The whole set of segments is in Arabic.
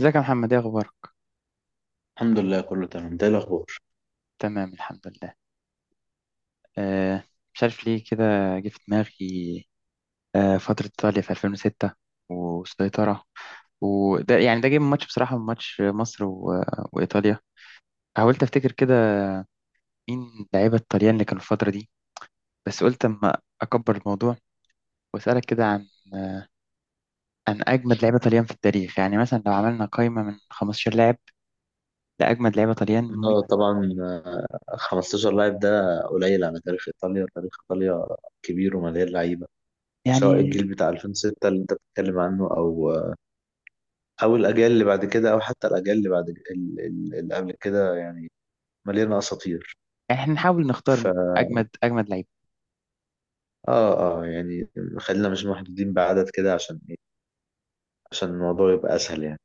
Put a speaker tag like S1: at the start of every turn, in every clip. S1: ازيك يا محمد؟ ايه اخبارك؟
S2: الحمد لله، كله تمام. ده الاخبار.
S1: تمام، الحمد لله. آه، مش عارف ليه كده، جه في دماغي آه فترة ايطاليا في 2006 والسيطرة. وده يعني ده جه من ماتش، بصراحة، من ماتش مصر وايطاليا. حاولت افتكر كده مين لعيبة الطليان اللي كانوا في الفترة دي، بس قلت اما اكبر الموضوع واسألك كده عن اجمد لعيبة طليان في التاريخ. يعني مثلا لو عملنا قائمة من 15 لاعب لاجمد لعيبة طليان،
S2: اه، طبعا. 15 لاعب ده قليل على تاريخ ايطاليا. تاريخ ايطاليا كبير ومليان لعيبه، سواء
S1: يعني
S2: الجيل بتاع 2006 اللي انت بتتكلم عنه، او او الاجيال اللي بعد كده، او حتى الاجيال اللي بعد اللي قبل كده، يعني مليانه اساطير.
S1: احنا نحاول
S2: ف
S1: نختار اجمد لعيبة.
S2: اه اه يعني خلينا مش محدودين بعدد كده، عشان ايه؟ عشان الموضوع يبقى اسهل، يعني.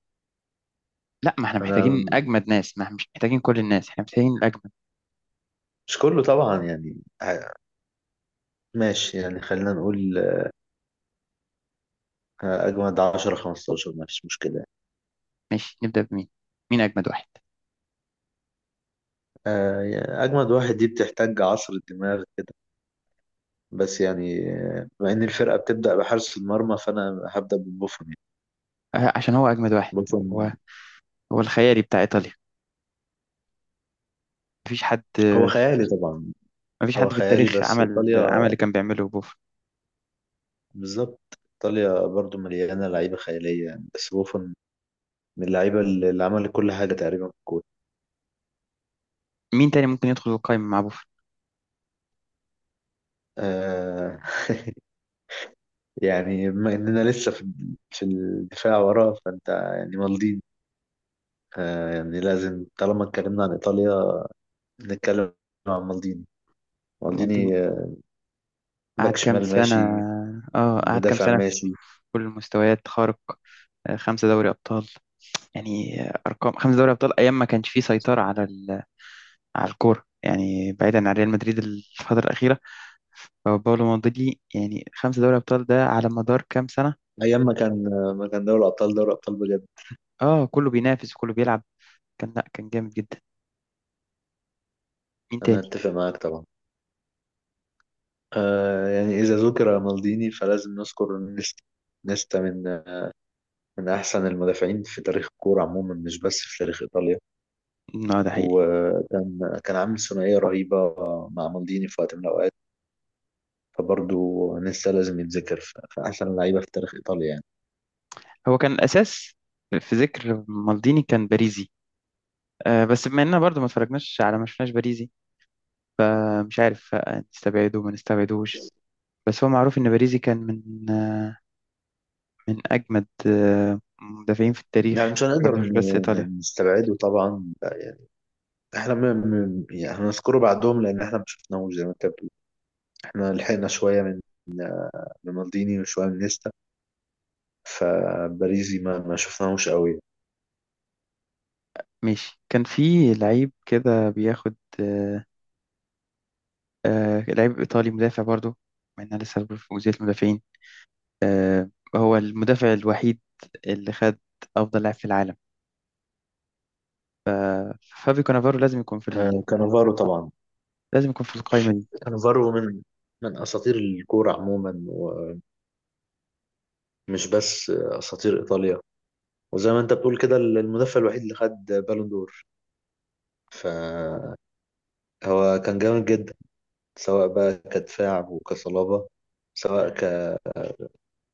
S1: لا، ما احنا محتاجين
S2: انا
S1: اجمد ناس، ما احنا مش محتاجين كل الناس، احنا محتاجين الاجمد.
S2: مش كله طبعا، يعني. ع- ماشي، يعني خلينا نقول اجمد 10 15، ماشي، مشكله.
S1: ماشي، نبدا بمين؟ مين اجمد واحد؟
S2: أجمد واحد دي بتحتاج عصر الدماغ كده، بس يعني بما إن الفرقة بتبدأ بحارس المرمى، فأنا هبدأ ببوفون، يعني.
S1: عشان هو اجمد واحد.
S2: بوفون.
S1: هو هو الخيالي بتاع ايطاليا. مفيش حد،
S2: هو خيالي طبعا.
S1: مفيش
S2: هو
S1: حد في
S2: خيالي،
S1: التاريخ
S2: بس
S1: عمل
S2: إيطاليا،
S1: عمل اللي كان بيعمله بوفون.
S2: بالظبط، إيطاليا برضو مليانة لعيبة خيالية، يعني. بس بوفون من اللعيبة اللي عمل كل حاجة تقريبا في الكورة.
S1: مين تاني ممكن يدخل القائمه مع بوفون؟
S2: آه يعني بما إننا لسه في الدفاع وراه، فأنت يعني مالديني. يعني لازم، طالما اتكلمنا عن إيطاليا، نتكلم عن مالديني.
S1: مالديني،
S2: مالديني
S1: قعد
S2: باك
S1: كام
S2: شمال،
S1: سنه؟
S2: ماشي.
S1: اه قعد كام
S2: مدافع،
S1: سنه في
S2: ماشي.
S1: كل المستويات، خارق. خمسة دوري أبطال. يعني أرقام، خمسة دوري أبطال أيام ما كانش فيه سيطرة على على الكورة يعني، بعيدا عن ريال مدريد الفترة الأخيرة. هو باولو مالديني يعني، خمسة دوري أبطال ده على مدار كام سنة؟
S2: ايام ما كان دوري الابطال دوري ابطال بجد.
S1: اه كله بينافس وكله بيلعب، كان لا كان جامد جدا. مين
S2: انا
S1: تاني؟
S2: اتفق معاك طبعا. يعني اذا ذكر مالديني، فلازم نذكر نيستا. نيستا من احسن المدافعين في تاريخ الكوره عموما، مش بس في تاريخ ايطاليا.
S1: اه ده حقيقي.
S2: وكان عامل ثنائيه رهيبه مع مالديني في وقت من الاوقات، فبرضه نيستا لازم يتذكر في احسن اللعيبه في تاريخ ايطاليا، يعني
S1: هو كان الأساس في ذكر مالديني، كان باريزي. آه بس بما إننا برضه ما اتفرجناش على ما شفناش باريزي. آه، مش عارف نستبعده ما نستبعدوش، بس هو معروف إن باريزي كان من أجمد آه مدافعين في
S2: يعني
S1: التاريخ،
S2: مش هنقدر
S1: برضه مش بس إيطاليا.
S2: نستبعده طبعا. احنا يعني هنذكره بعدهم، لان احنا ما شفناهوش زي ما انت بتقول. احنا لحقنا شويه من مالديني وشويه من نيستا، فباريزي ما شفناهوش قوي.
S1: ماشي، كان في لعيب كده بياخد، آه، آه لعيب إيطالي مدافع برضو، مع إنها لسه في جزئية المدافعين، آه، هو المدافع الوحيد اللي خد أفضل لاعب في العالم، فابي كانافارو، لازم يكون في
S2: كانافارو طبعا.
S1: لازم يكون في القائمة دي.
S2: كانافارو من اساطير الكوره عموما، ومش بس اساطير ايطاليا. وزي ما انت بتقول كده، المدافع الوحيد اللي خد بالون دور، فهو كان جامد جدا، سواء بقى كدفاع وكصلابه، سواء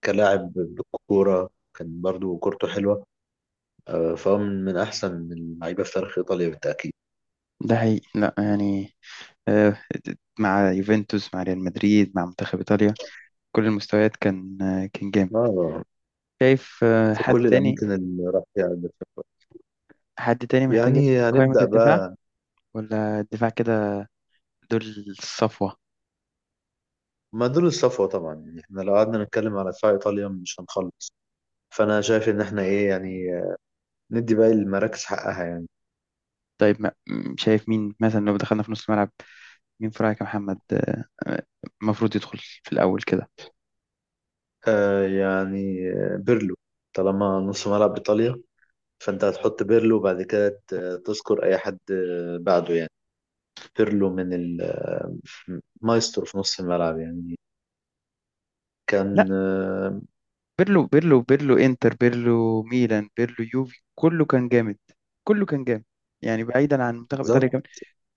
S2: كلاعب بالكوره، كان برضو كورته حلوه. فهو من أحسن اللعيبة في تاريخ إيطاليا بالتأكيد.
S1: ده حقيقي، لا يعني، آه، مع يوفنتوس مع ريال مدريد مع منتخب إيطاليا، كل المستويات كان آه كان جامد.
S2: آه
S1: شايف آه
S2: في
S1: حد
S2: كل
S1: تاني؟
S2: الأماكن اللي راح فيها بالفعل.
S1: حد تاني محتاج يدخل
S2: يعني
S1: في قائمة
S2: هنبدأ
S1: الدفاع؟
S2: بقى.
S1: ولا الدفاع كده دول الصفوة؟
S2: ما دول الصفوة طبعا، يعني احنا لو قعدنا نتكلم على دفاع إيطاليا مش هنخلص. فأنا شايف إن احنا إيه؟ يعني ندي باقي المراكز حقها، يعني.
S1: طيب، شايف مين مثلا لو دخلنا في نص الملعب؟ مين في رأيك يا محمد المفروض يدخل في الأول كده؟
S2: بيرلو. طالما نص ملعب إيطاليا، فأنت هتحط بيرلو بعد كده، تذكر أي حد بعده، يعني. بيرلو من المايسترو في نص الملعب، يعني. كان
S1: لا، بيرلو، بيرلو انتر، بيرلو ميلان، بيرلو يوفي، كله كان جامد، كله كان جامد. يعني بعيدا عن منتخب إيطاليا
S2: بالظبط.
S1: كمان،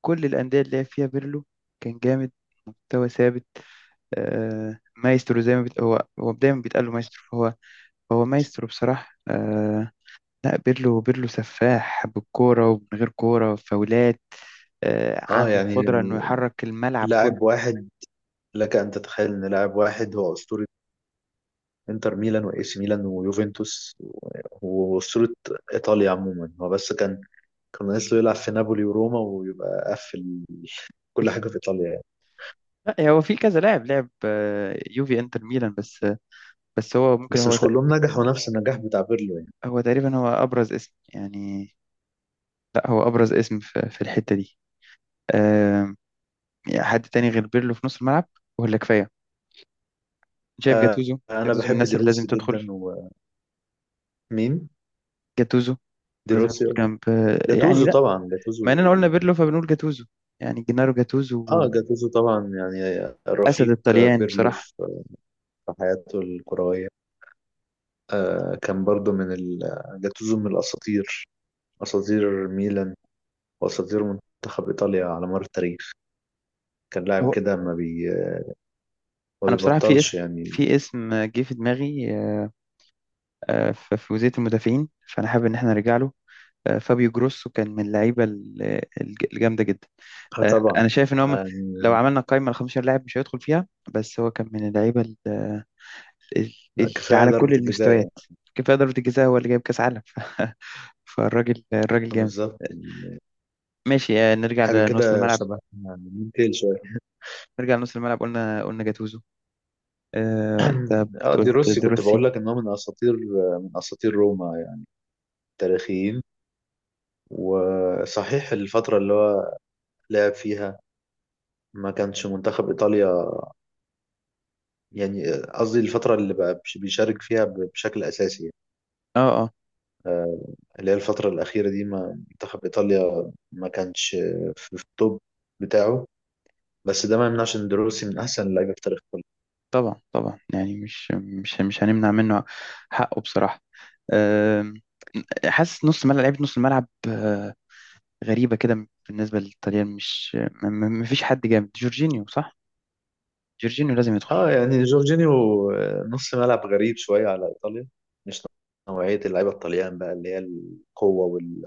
S1: كل الأندية اللي لعب فيها بيرلو كان جامد، مستوى ثابت. آه مايسترو زي ما بت... هو دايما بيتقال له مايسترو، فهو هو مايسترو بصراحة، آه. لا بيرلو، بيرلو سفاح بالكورة ومن غير كورة فاولات، آه،
S2: اه
S1: عنده
S2: يعني،
S1: القدرة إنه يحرك الملعب
S2: لاعب
S1: كله.
S2: واحد، لك ان تتخيل ان لاعب واحد هو اسطوره انتر ميلان واي سي ميلان ويوفنتوس واسطوره ايطاليا عموما. هو بس كان ناقص له يلعب في نابولي وروما ويبقى قفل كل حاجه في ايطاليا، يعني.
S1: لا هو في كذا لاعب لعب يوفي انتر ميلان، بس بس هو ممكن
S2: بس مش كلهم نجحوا نفس النجاح بتاع بيرلو، يعني.
S1: هو تقريبا هو ابرز اسم يعني. لا هو ابرز اسم في الحتة دي. آم، يعني حد تاني غير بيرلو في نص الملعب، ولا كفاية؟ شايف
S2: آه
S1: جاتوزو؟
S2: انا
S1: جاتوزو من
S2: بحب
S1: الناس
S2: دي
S1: اللي لازم
S2: روسي جدا.
S1: تدخل.
S2: ومين؟
S1: جاتوزو
S2: دي
S1: لازم
S2: روسي.
S1: يدخل جنب يعني
S2: جاتوزو
S1: لا،
S2: طبعا. جاتوزو،
S1: ما اننا قلنا بيرلو فبنقول جاتوزو، يعني جنارو
S2: اه
S1: جاتوزو،
S2: جاتوزو طبعا، يعني
S1: اسد
S2: رفيق
S1: الطليان
S2: بيرلو
S1: بصراحة.
S2: في في حياته الكرويه. كان برضو جاتوزو من الأساطير، أساطير ميلان، وأساطير منتخب إيطاليا على مر التاريخ. كان لاعب
S1: هو
S2: كده ما
S1: انا بصراحة في اسم،
S2: بيبطلش، يعني.
S1: في اسم جه في دماغي في وزية المدافعين، فانا حابب ان احنا نرجع له. فابيو جروسو كان من اللعيبه الجامده جدا.
S2: اه طبعا.
S1: انا شايف ان
S2: آه،
S1: لو عملنا قائمه ل 15 لاعب مش هيدخل فيها، بس هو كان من اللعيبه
S2: يعني
S1: اللي
S2: كفاية
S1: على
S2: ضربة
S1: كل
S2: الجزاء، يعني.
S1: المستويات. كفايه ضربه الجزاء، هو اللي جايب كاس عالم فالراجل، الراجل جامد.
S2: بالظبط.
S1: ماشي نرجع
S2: حاجة
S1: لنص
S2: كده
S1: الملعب،
S2: شبه، ممكن شوية.
S1: نرجع لنص الملعب. قلنا جاتوزو انت
S2: اه دي
S1: قلت
S2: روسي كنت
S1: دروسي.
S2: بقول لك إن هو من أساطير، من أساطير روما، يعني تاريخيين. وصحيح الفترة اللي هو لعب فيها ما كانش منتخب إيطاليا، يعني قصدي الفترة اللي بقى بيشارك فيها بشكل أساسي، يعني.
S1: اه اه،
S2: آه، اللي هي الفترة الأخيرة دي، ما منتخب إيطاليا ما كانش في التوب بتاعه، بس ده ما يمنعش إن دروسي من أحسن اللعيبة في تاريخ إيطاليا.
S1: طبعا طبعا، يعني مش هنمنع منه حقه بصراحه. آم، حاسس نص ملعب لعيبه نص الملعب غريبة كده بالنسبة للطليان، مش ما فيش حد جامد. جورجينيو صح، جورجينيو لازم يدخل،
S2: اه يعني جورجينيو. نص ملعب غريب شوية على إيطاليا، مش نوعية اللعيبة الطليان بقى، اللي هي القوة وال,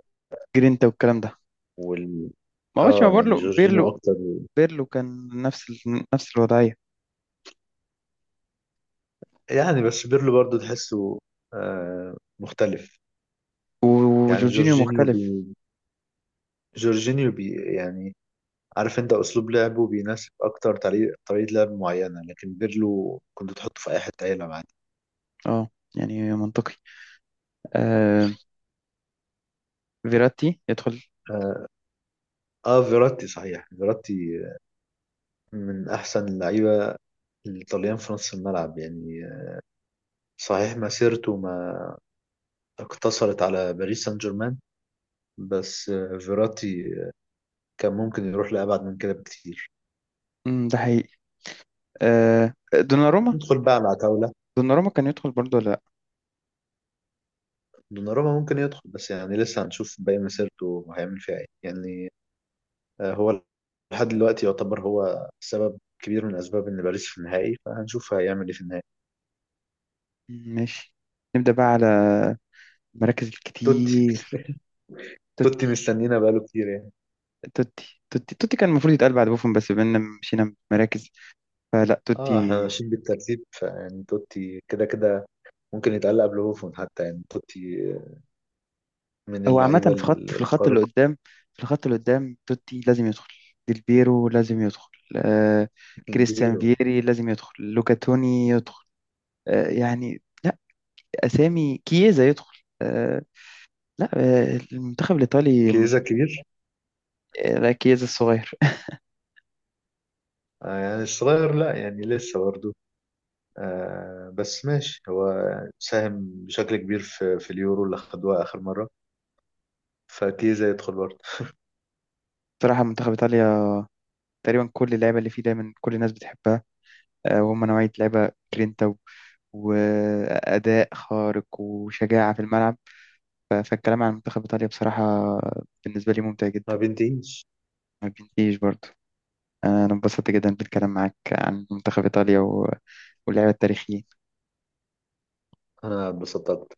S1: جرينتا والكلام ده.
S2: وال...
S1: ما عملش مع
S2: اه يعني
S1: بيرلو.
S2: جورجينيو
S1: بيرلو،
S2: أكتر.
S1: بيرلو كان نفس نفس الوضعية،
S2: يعني بس بيرلو برضو تحسه مختلف. يعني
S1: وجورجينيو مختلف.
S2: جورجينيو بي، يعني عارف انت اسلوب لعبه بيناسب اكتر طريقه لعب معينه، لكن بيرلو كنت تحطه في اي حته يلعب عادي.
S1: اه يعني منطقي. آه، فيراتي يدخل.
S2: اه فيراتي. صحيح، فيراتي من احسن اللعيبه الايطاليان في نص الملعب، يعني. صحيح مسيرته ما اقتصرت على باريس سان جيرمان، بس فيراتي كان ممكن يروح لأبعد من كده بكتير.
S1: ده حقيقي. آه دوناروما،
S2: ندخل بقى على عتاولة.
S1: دوناروما كان يدخل برضه ولا لا؟
S2: دوناروما ممكن يدخل، بس يعني لسه هنشوف باقي مسيرته هيعمل فيها ايه، يعني. هو لحد دلوقتي يعتبر هو سبب كبير من اسباب ان باريس في النهائي، فهنشوف هيعمل ايه في النهائي.
S1: ماشي. نبدأ بقى على المراكز
S2: توتي
S1: الكتير،
S2: توتي
S1: توتي.
S2: مستنينا بقاله كتير، يعني.
S1: توتي كان المفروض يتقال بعد بوفون، بس بما إننا مشينا مراكز، فلا
S2: اه احنا
S1: توتي.
S2: ماشيين بالترتيب، فيعني توتي كده كده ممكن يتعلق قبل هوفون حتى، يعني توتي من
S1: هو
S2: اللعيبه
S1: عامة في خط، في الخط اللي
S2: الخارق
S1: قدام، في الخط اللي قدام توتي لازم يدخل، ديلبيرو لازم يدخل، آه، كريستيان
S2: الكبير.
S1: فييري لازم يدخل، لوكا توني يدخل، آه يعني لا، أسامي كييزا يدخل آه، لا آه المنتخب الإيطالي
S2: كيزا كبير.
S1: لا كييزا الصغير
S2: يعني الصغير، لا يعني لسه برضه. بس ماشي، هو ساهم بشكل كبير في اليورو اللي خدوها اخر مره، فكيزا يدخل برضه.
S1: بصراحة منتخب إيطاليا تقريبا كل اللعيبة اللي فيه دايما كل الناس بتحبها، آه، وهم نوعية لعيبة جرينتا وأداء خارق وشجاعة في الملعب. فالكلام عن منتخب إيطاليا بصراحة بالنسبة لي ممتع
S2: ما
S1: جدا،
S2: بنتهيش.
S1: ما بينتهيش برضه. انا انبسطت جدا بالكلام معاك عن منتخب ايطاليا واللعب التاريخي.
S2: انا اتبسطت.